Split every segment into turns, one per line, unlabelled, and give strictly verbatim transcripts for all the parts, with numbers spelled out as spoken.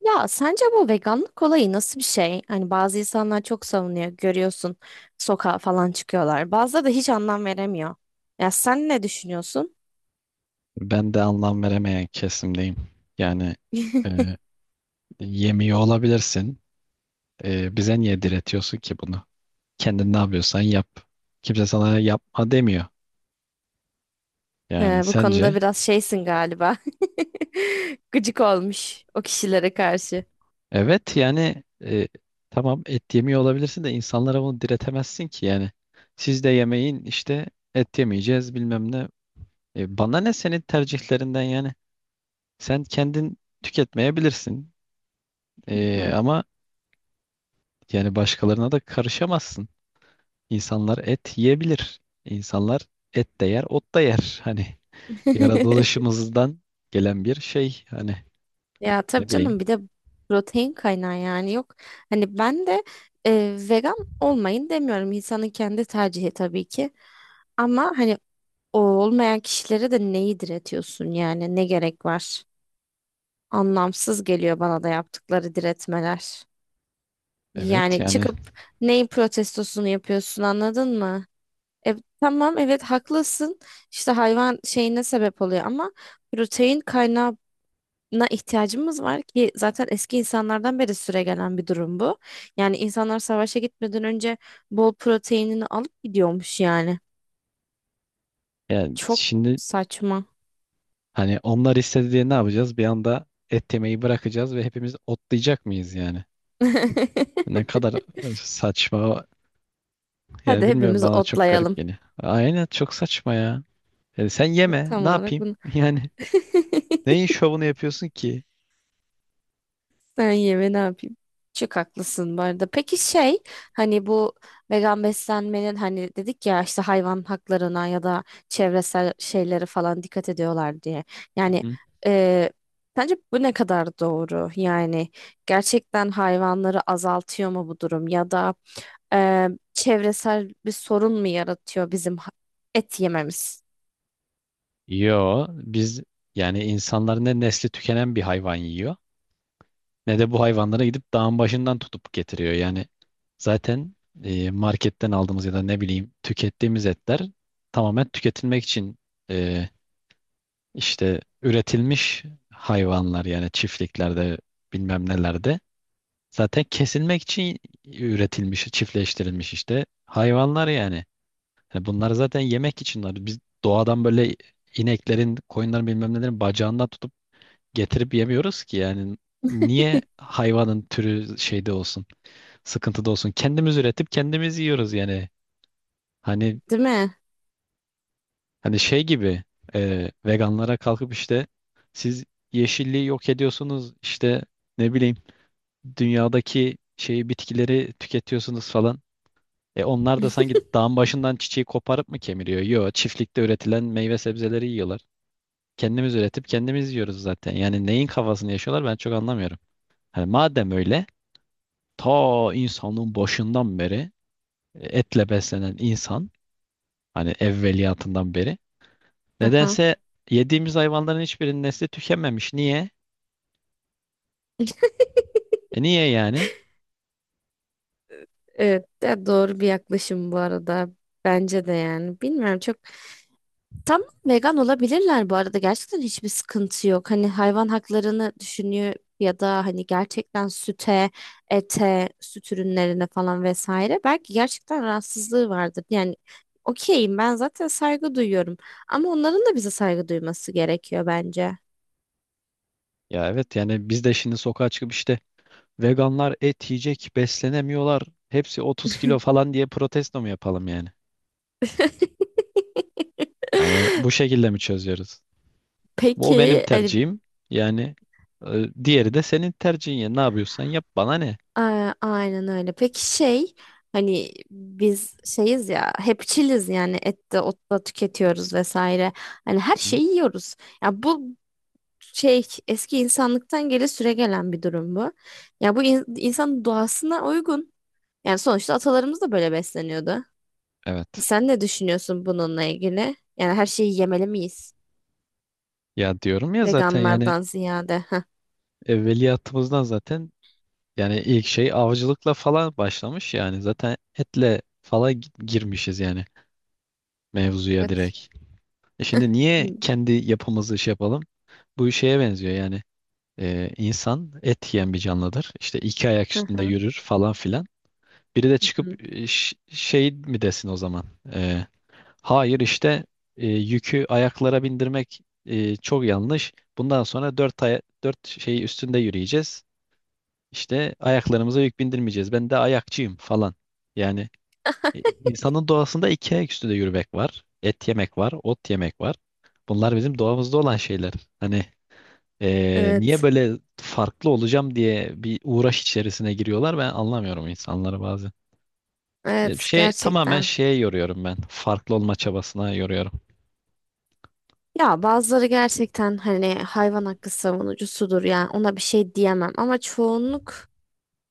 Ya sence bu veganlık olayı nasıl bir şey? Hani bazı insanlar çok savunuyor, görüyorsun, sokağa falan çıkıyorlar. Bazıları da hiç anlam veremiyor. Ya sen ne düşünüyorsun?
Ben de anlam veremeyen kesimdeyim. Yani e, yemiyor olabilirsin. E, bize niye diretiyorsun ki bunu? Kendin ne yapıyorsan yap. Kimse sana yapma demiyor. Yani
Ee, bu konuda
sence?
biraz şeysin galiba. Gıcık olmuş o kişilere karşı.
Evet yani, e, tamam et yemiyor olabilirsin de insanlara bunu diretemezsin ki yani. Siz de yemeyin işte, et yemeyeceğiz bilmem ne. E, bana ne senin tercihlerinden yani. Sen kendin tüketmeyebilirsin.
Hı
E,
hı.
ama yani başkalarına da karışamazsın. İnsanlar et yiyebilir. İnsanlar et de yer, ot da yer. Hani yaratılışımızdan gelen bir şey. Hani
Ya tabii
ne bileyim.
canım, bir de protein kaynağı yani yok. Hani ben de e, vegan olmayın demiyorum. İnsanın kendi tercihi tabii ki. Ama hani o olmayan kişilere de neyi diretiyorsun yani, ne gerek var? Anlamsız geliyor bana da yaptıkları diretmeler.
Evet
Yani
yani,
çıkıp neyin protestosunu yapıyorsun, anladın mı? E, tamam, evet, haklısın. İşte hayvan şeyine sebep oluyor, ama protein kaynağına ihtiyacımız var ki zaten eski insanlardan beri süregelen bir durum bu. Yani insanlar savaşa gitmeden önce bol proteinini alıp gidiyormuş yani.
yani
Çok
şimdi
saçma.
hani onlar istedi diye ne yapacağız? Bir anda et yemeyi bırakacağız ve hepimiz otlayacak mıyız yani? Ne kadar e, saçma. Yani
Hadi
bilmiyorum,
hepimiz
bana çok garip
otlayalım.
geliyor. Aynen, çok saçma ya. Yani sen yeme,
Tam
ne
olarak
yapayım?
bunu.
Yani neyin şovunu yapıyorsun ki?
Sen yeme, ne yapayım? Çok haklısın bu arada. Peki şey, hani bu vegan beslenmenin, hani dedik ya, işte hayvan haklarına ya da çevresel şeylere falan dikkat ediyorlar diye.
Hı
Yani
hı.
e, sence bu ne kadar doğru? Yani gerçekten hayvanları azaltıyor mu bu durum, ya da e, çevresel bir sorun mu yaratıyor bizim ha- et yememiz?
Yo, biz, yani insanlar ne nesli tükenen bir hayvan yiyor, ne de bu hayvanlara gidip dağın başından tutup getiriyor. Yani zaten e, marketten aldığımız ya da ne bileyim tükettiğimiz etler tamamen tüketilmek için, e, işte üretilmiş hayvanlar. Yani çiftliklerde, bilmem nelerde, zaten kesilmek için üretilmiş, çiftleştirilmiş işte hayvanlar yani. Yani bunlar zaten yemek için var. Biz doğadan böyle ineklerin, koyunların, bilmem nelerin bacağından tutup getirip yemiyoruz ki yani. Niye hayvanın türü şeyde olsun, sıkıntıda olsun? Kendimiz üretip kendimiz yiyoruz yani. Hani
Değil mi?
hani şey gibi, e, veganlara kalkıp işte siz yeşilliği yok ediyorsunuz, işte ne bileyim, dünyadaki şeyi, bitkileri tüketiyorsunuz falan. E onlar da sanki dağın başından çiçeği koparıp mı kemiriyor? Yo, çiftlikte üretilen meyve sebzeleri yiyorlar. Kendimiz üretip kendimiz yiyoruz zaten. Yani neyin kafasını yaşıyorlar, ben çok anlamıyorum. Hani madem öyle, ta insanlığın başından beri e, etle beslenen insan, hani evveliyatından beri,
Aha.
nedense yediğimiz hayvanların hiçbirinin nesli tükememiş. Niye? E niye yani?
Evet, de doğru bir yaklaşım bu arada. Bence de yani. Bilmiyorum çok. Tam vegan olabilirler bu arada. Gerçekten hiçbir sıkıntı yok. Hani hayvan haklarını düşünüyor ya da hani gerçekten süte, ete, süt ürünlerine falan vesaire. Belki gerçekten rahatsızlığı vardır. Yani okeyim ben, zaten saygı duyuyorum. Ama onların da bize saygı duyması gerekiyor bence.
Ya evet, yani biz de şimdi sokağa çıkıp işte veganlar et yiyecek beslenemiyorlar, hepsi otuz kilo falan diye protesto mu yapalım yani? Hani bu şekilde mi çözüyoruz? Bu o benim
Peki hani,
tercihim. Yani e, diğeri de senin tercihin ya. Ne yapıyorsan yap, bana ne?
a- aynen öyle. Peki şey, hani biz şeyiz ya, hepçiliz, yani et de ot da tüketiyoruz vesaire. Hani her
Hı.
şeyi yiyoruz. Ya bu şey, eski insanlıktan geri süregelen bir durum bu. Ya bu in- insanın doğasına uygun. Yani sonuçta atalarımız da böyle besleniyordu.
Evet.
Sen ne düşünüyorsun bununla ilgili? Yani her şeyi yemeli miyiz?
Ya diyorum ya zaten, yani
Veganlardan ziyade. Heh.
evveliyatımızdan zaten, yani ilk şey avcılıkla falan başlamış, yani zaten etle falan gi- girmişiz yani mevzuya
Evet.
direkt. E şimdi niye
Hı
kendi yapımızı şey yapalım? Bu şeye benziyor yani. E, insan et yiyen bir canlıdır. İşte iki ayak üstünde
hı.
yürür falan filan. Biri de
Hı.
çıkıp e, ş- şey mi desin o zaman? E, hayır işte, e, yükü ayaklara bindirmek e, çok yanlış. Bundan sonra dört aya, dört şeyi üstünde yürüyeceğiz. İşte ayaklarımıza yük bindirmeyeceğiz. Ben de ayakçıyım falan. Yani e, insanın doğasında iki ayak üstünde yürümek var. Et yemek var, ot yemek var. Bunlar bizim doğamızda olan şeyler. Hani e, niye
Evet,
böyle farklı olacağım diye bir uğraş içerisine giriyorlar, ben anlamıyorum insanları bazen. E,
evet,
Şey, tamamen
gerçekten.
şeye yoruyorum ben. Farklı olma çabasına yoruyorum.
Ya bazıları gerçekten hani hayvan hakkı savunucusudur, yani ona bir şey diyemem, ama çoğunluk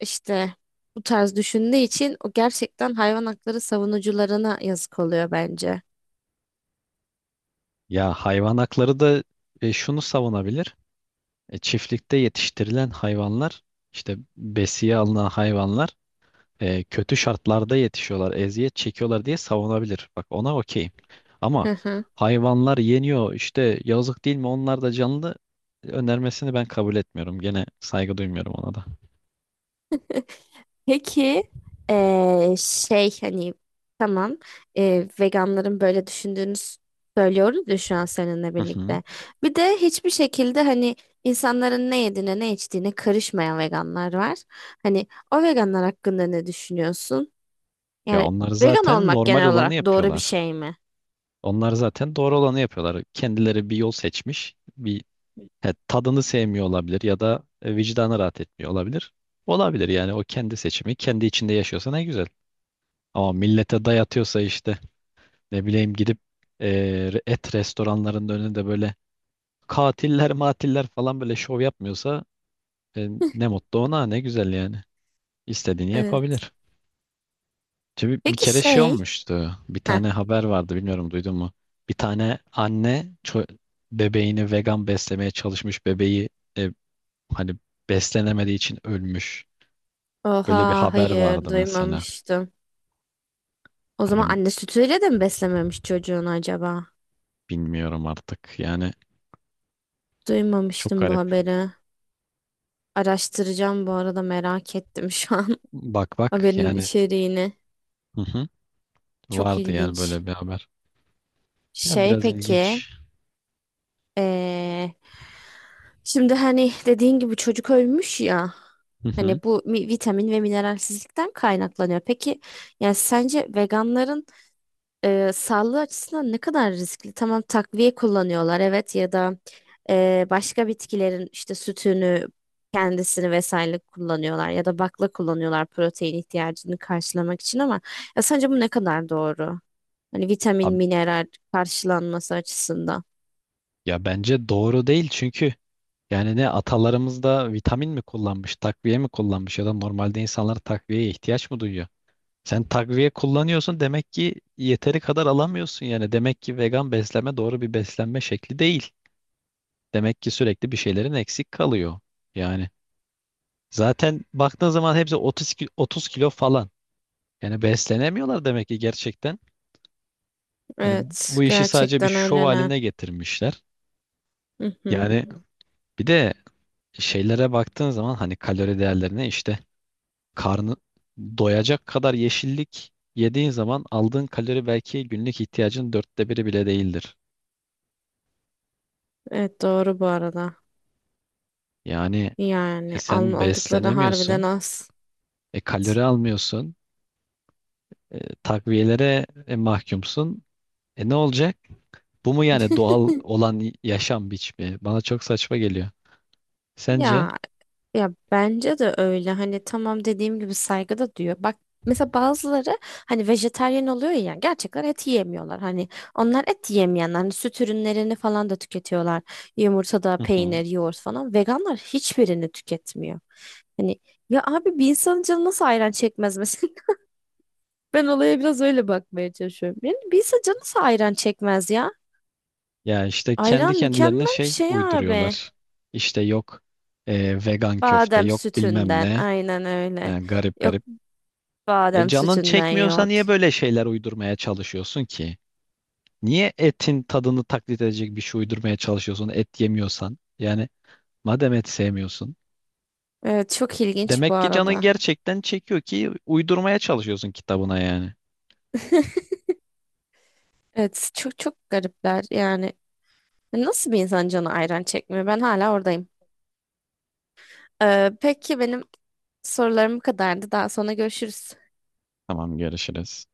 işte bu tarz düşündüğü için o gerçekten hayvan hakları savunucularına yazık oluyor bence.
Ya hayvan hakları da e, şunu savunabilir. E, çiftlikte yetiştirilen hayvanlar, işte besiye alınan hayvanlar e, kötü şartlarda yetişiyorlar, eziyet çekiyorlar diye savunabilir. Bak, ona okeyim. Ama hayvanlar yeniyor işte, yazık değil mi, onlar da canlı önermesini ben kabul etmiyorum. Gene saygı duymuyorum ona da.
Peki eee, şey, hani tamam, eee, veganların böyle düşündüğünü s- söylüyoruz ya şu an seninle
Hı hı.
birlikte. Bir de hiçbir şekilde hani insanların ne yediğine ne içtiğine karışmayan veganlar var. Hani o veganlar hakkında ne düşünüyorsun?
Ya
Yani
onlar
vegan
zaten
olmak
normal
genel
olanı
olarak doğru bir
yapıyorlar.
şey mi?
Onlar zaten doğru olanı yapıyorlar. Kendileri bir yol seçmiş. Bir he, tadını sevmiyor olabilir ya da e, vicdanı rahat etmiyor olabilir. Olabilir yani, o kendi seçimi, kendi içinde yaşıyorsa ne güzel. Ama millete dayatıyorsa işte. Ne bileyim, gidip e, et restoranlarının önünde böyle katiller matiller falan böyle şov yapmıyorsa, e, ne mutlu ona, ne güzel yani. İstediğini
Evet.
yapabilir. Çünkü bir
Peki
kere şey
şey.
olmuştu. Bir
Heh.
tane haber vardı, bilmiyorum duydun mu? Bir tane anne ço- bebeğini vegan beslemeye çalışmış, bebeği e, hani beslenemediği için ölmüş. Böyle bir
Oha,
haber
hayır,
vardı mesela.
duymamıştım. O zaman
Hani
anne sütüyle de mi beslememiş çocuğunu acaba?
bilmiyorum artık yani, çok
Duymamıştım bu
garip.
haberi. Araştıracağım bu arada, merak ettim şu an
Bak bak
haberin
yani,
içeriğini.
hı hı,
Çok
vardı yani
ilginç.
böyle bir haber. Ya
Şey,
biraz
peki,
ilginç.
eee, şimdi hani dediğin gibi çocuk ölmüş ya.
Hı hı.
Hani bu mi- vitamin ve mineralsizlikten kaynaklanıyor. Peki, yani sence veganların e, sağlığı açısından ne kadar riskli? Tamam, takviye kullanıyorlar, evet, ya da e, başka bitkilerin işte sütünü, kendisini vesaire kullanıyorlar, ya da bakla kullanıyorlar protein ihtiyacını karşılamak için, ama ya sence bu ne kadar doğru? Hani vitamin,
Abi,
mineral karşılanması açısından.
ya bence doğru değil çünkü yani, ne atalarımız da vitamin mi kullanmış, takviye mi kullanmış ya da normalde insanlar takviyeye ihtiyaç mı duyuyor? Sen takviye kullanıyorsun demek ki yeteri kadar alamıyorsun yani. Demek ki vegan beslenme doğru bir beslenme şekli değil. Demek ki sürekli bir şeylerin eksik kalıyor. Yani zaten baktığın zaman hepsi otuz ki- otuz kilo falan. Yani beslenemiyorlar demek ki gerçekten. Hani
Evet,
bu işi sadece bir
gerçekten
şov
öyleler.
haline getirmişler.
Hı hı.
Yani bir de şeylere baktığın zaman, hani kalori değerlerine, işte karnı doyacak kadar yeşillik yediğin zaman aldığın kalori belki günlük ihtiyacın dörtte biri bile değildir.
Evet, doğru bu arada.
Yani e,
Yani al-
sen
aldıkları harbiden
beslenemiyorsun,
az.
e, kalori almıyorsun, e, takviyelere e, mahkumsun. E ne olacak? Bu mu yani doğal olan y- yaşam biçimi? Bana çok saçma geliyor. Sence?
Ya Ya bence de öyle. Hani tamam, dediğim gibi saygı da diyor. Bak, mesela bazıları hani vejetaryen oluyor ya, gerçekten et yiyemiyorlar. Hani onlar et yiyemeyenler. Hani süt ürünlerini falan da tüketiyorlar. Yumurtada
Hı hı.
peynir, yoğurt falan. Veganlar hiçbirini tüketmiyor. Hani ya abi, bir insanın canı nasıl ayran çekmez mesela? Ben olaya biraz öyle bakmaya çalışıyorum. Yani bir insan canı nasıl ayran çekmez ya?
Ya işte kendi
Ayran
kendilerine
mükemmel bir
şey
şey abi.
uyduruyorlar. İşte yok e, vegan köfte,
Badem
yok bilmem
sütünden,
ne.
aynen öyle.
He, garip
Yok.
garip. E,
Badem
canın
sütünden
çekmiyorsa niye
yoğurt.
böyle şeyler uydurmaya çalışıyorsun ki? Niye etin tadını taklit edecek bir şey uydurmaya çalışıyorsun et yemiyorsan? Yani madem et sevmiyorsun.
Evet, çok ilginç bu
Demek ki canın
arada.
gerçekten çekiyor ki uydurmaya çalışıyorsun kitabına yani.
Evet, çok çok garipler yani. Nasıl bir insan canı ayran çekmiyor? Ben hala oradayım. Ee, peki benim sorularım bu kadardı. Daha sonra görüşürüz.
Tamam, görüşürüz.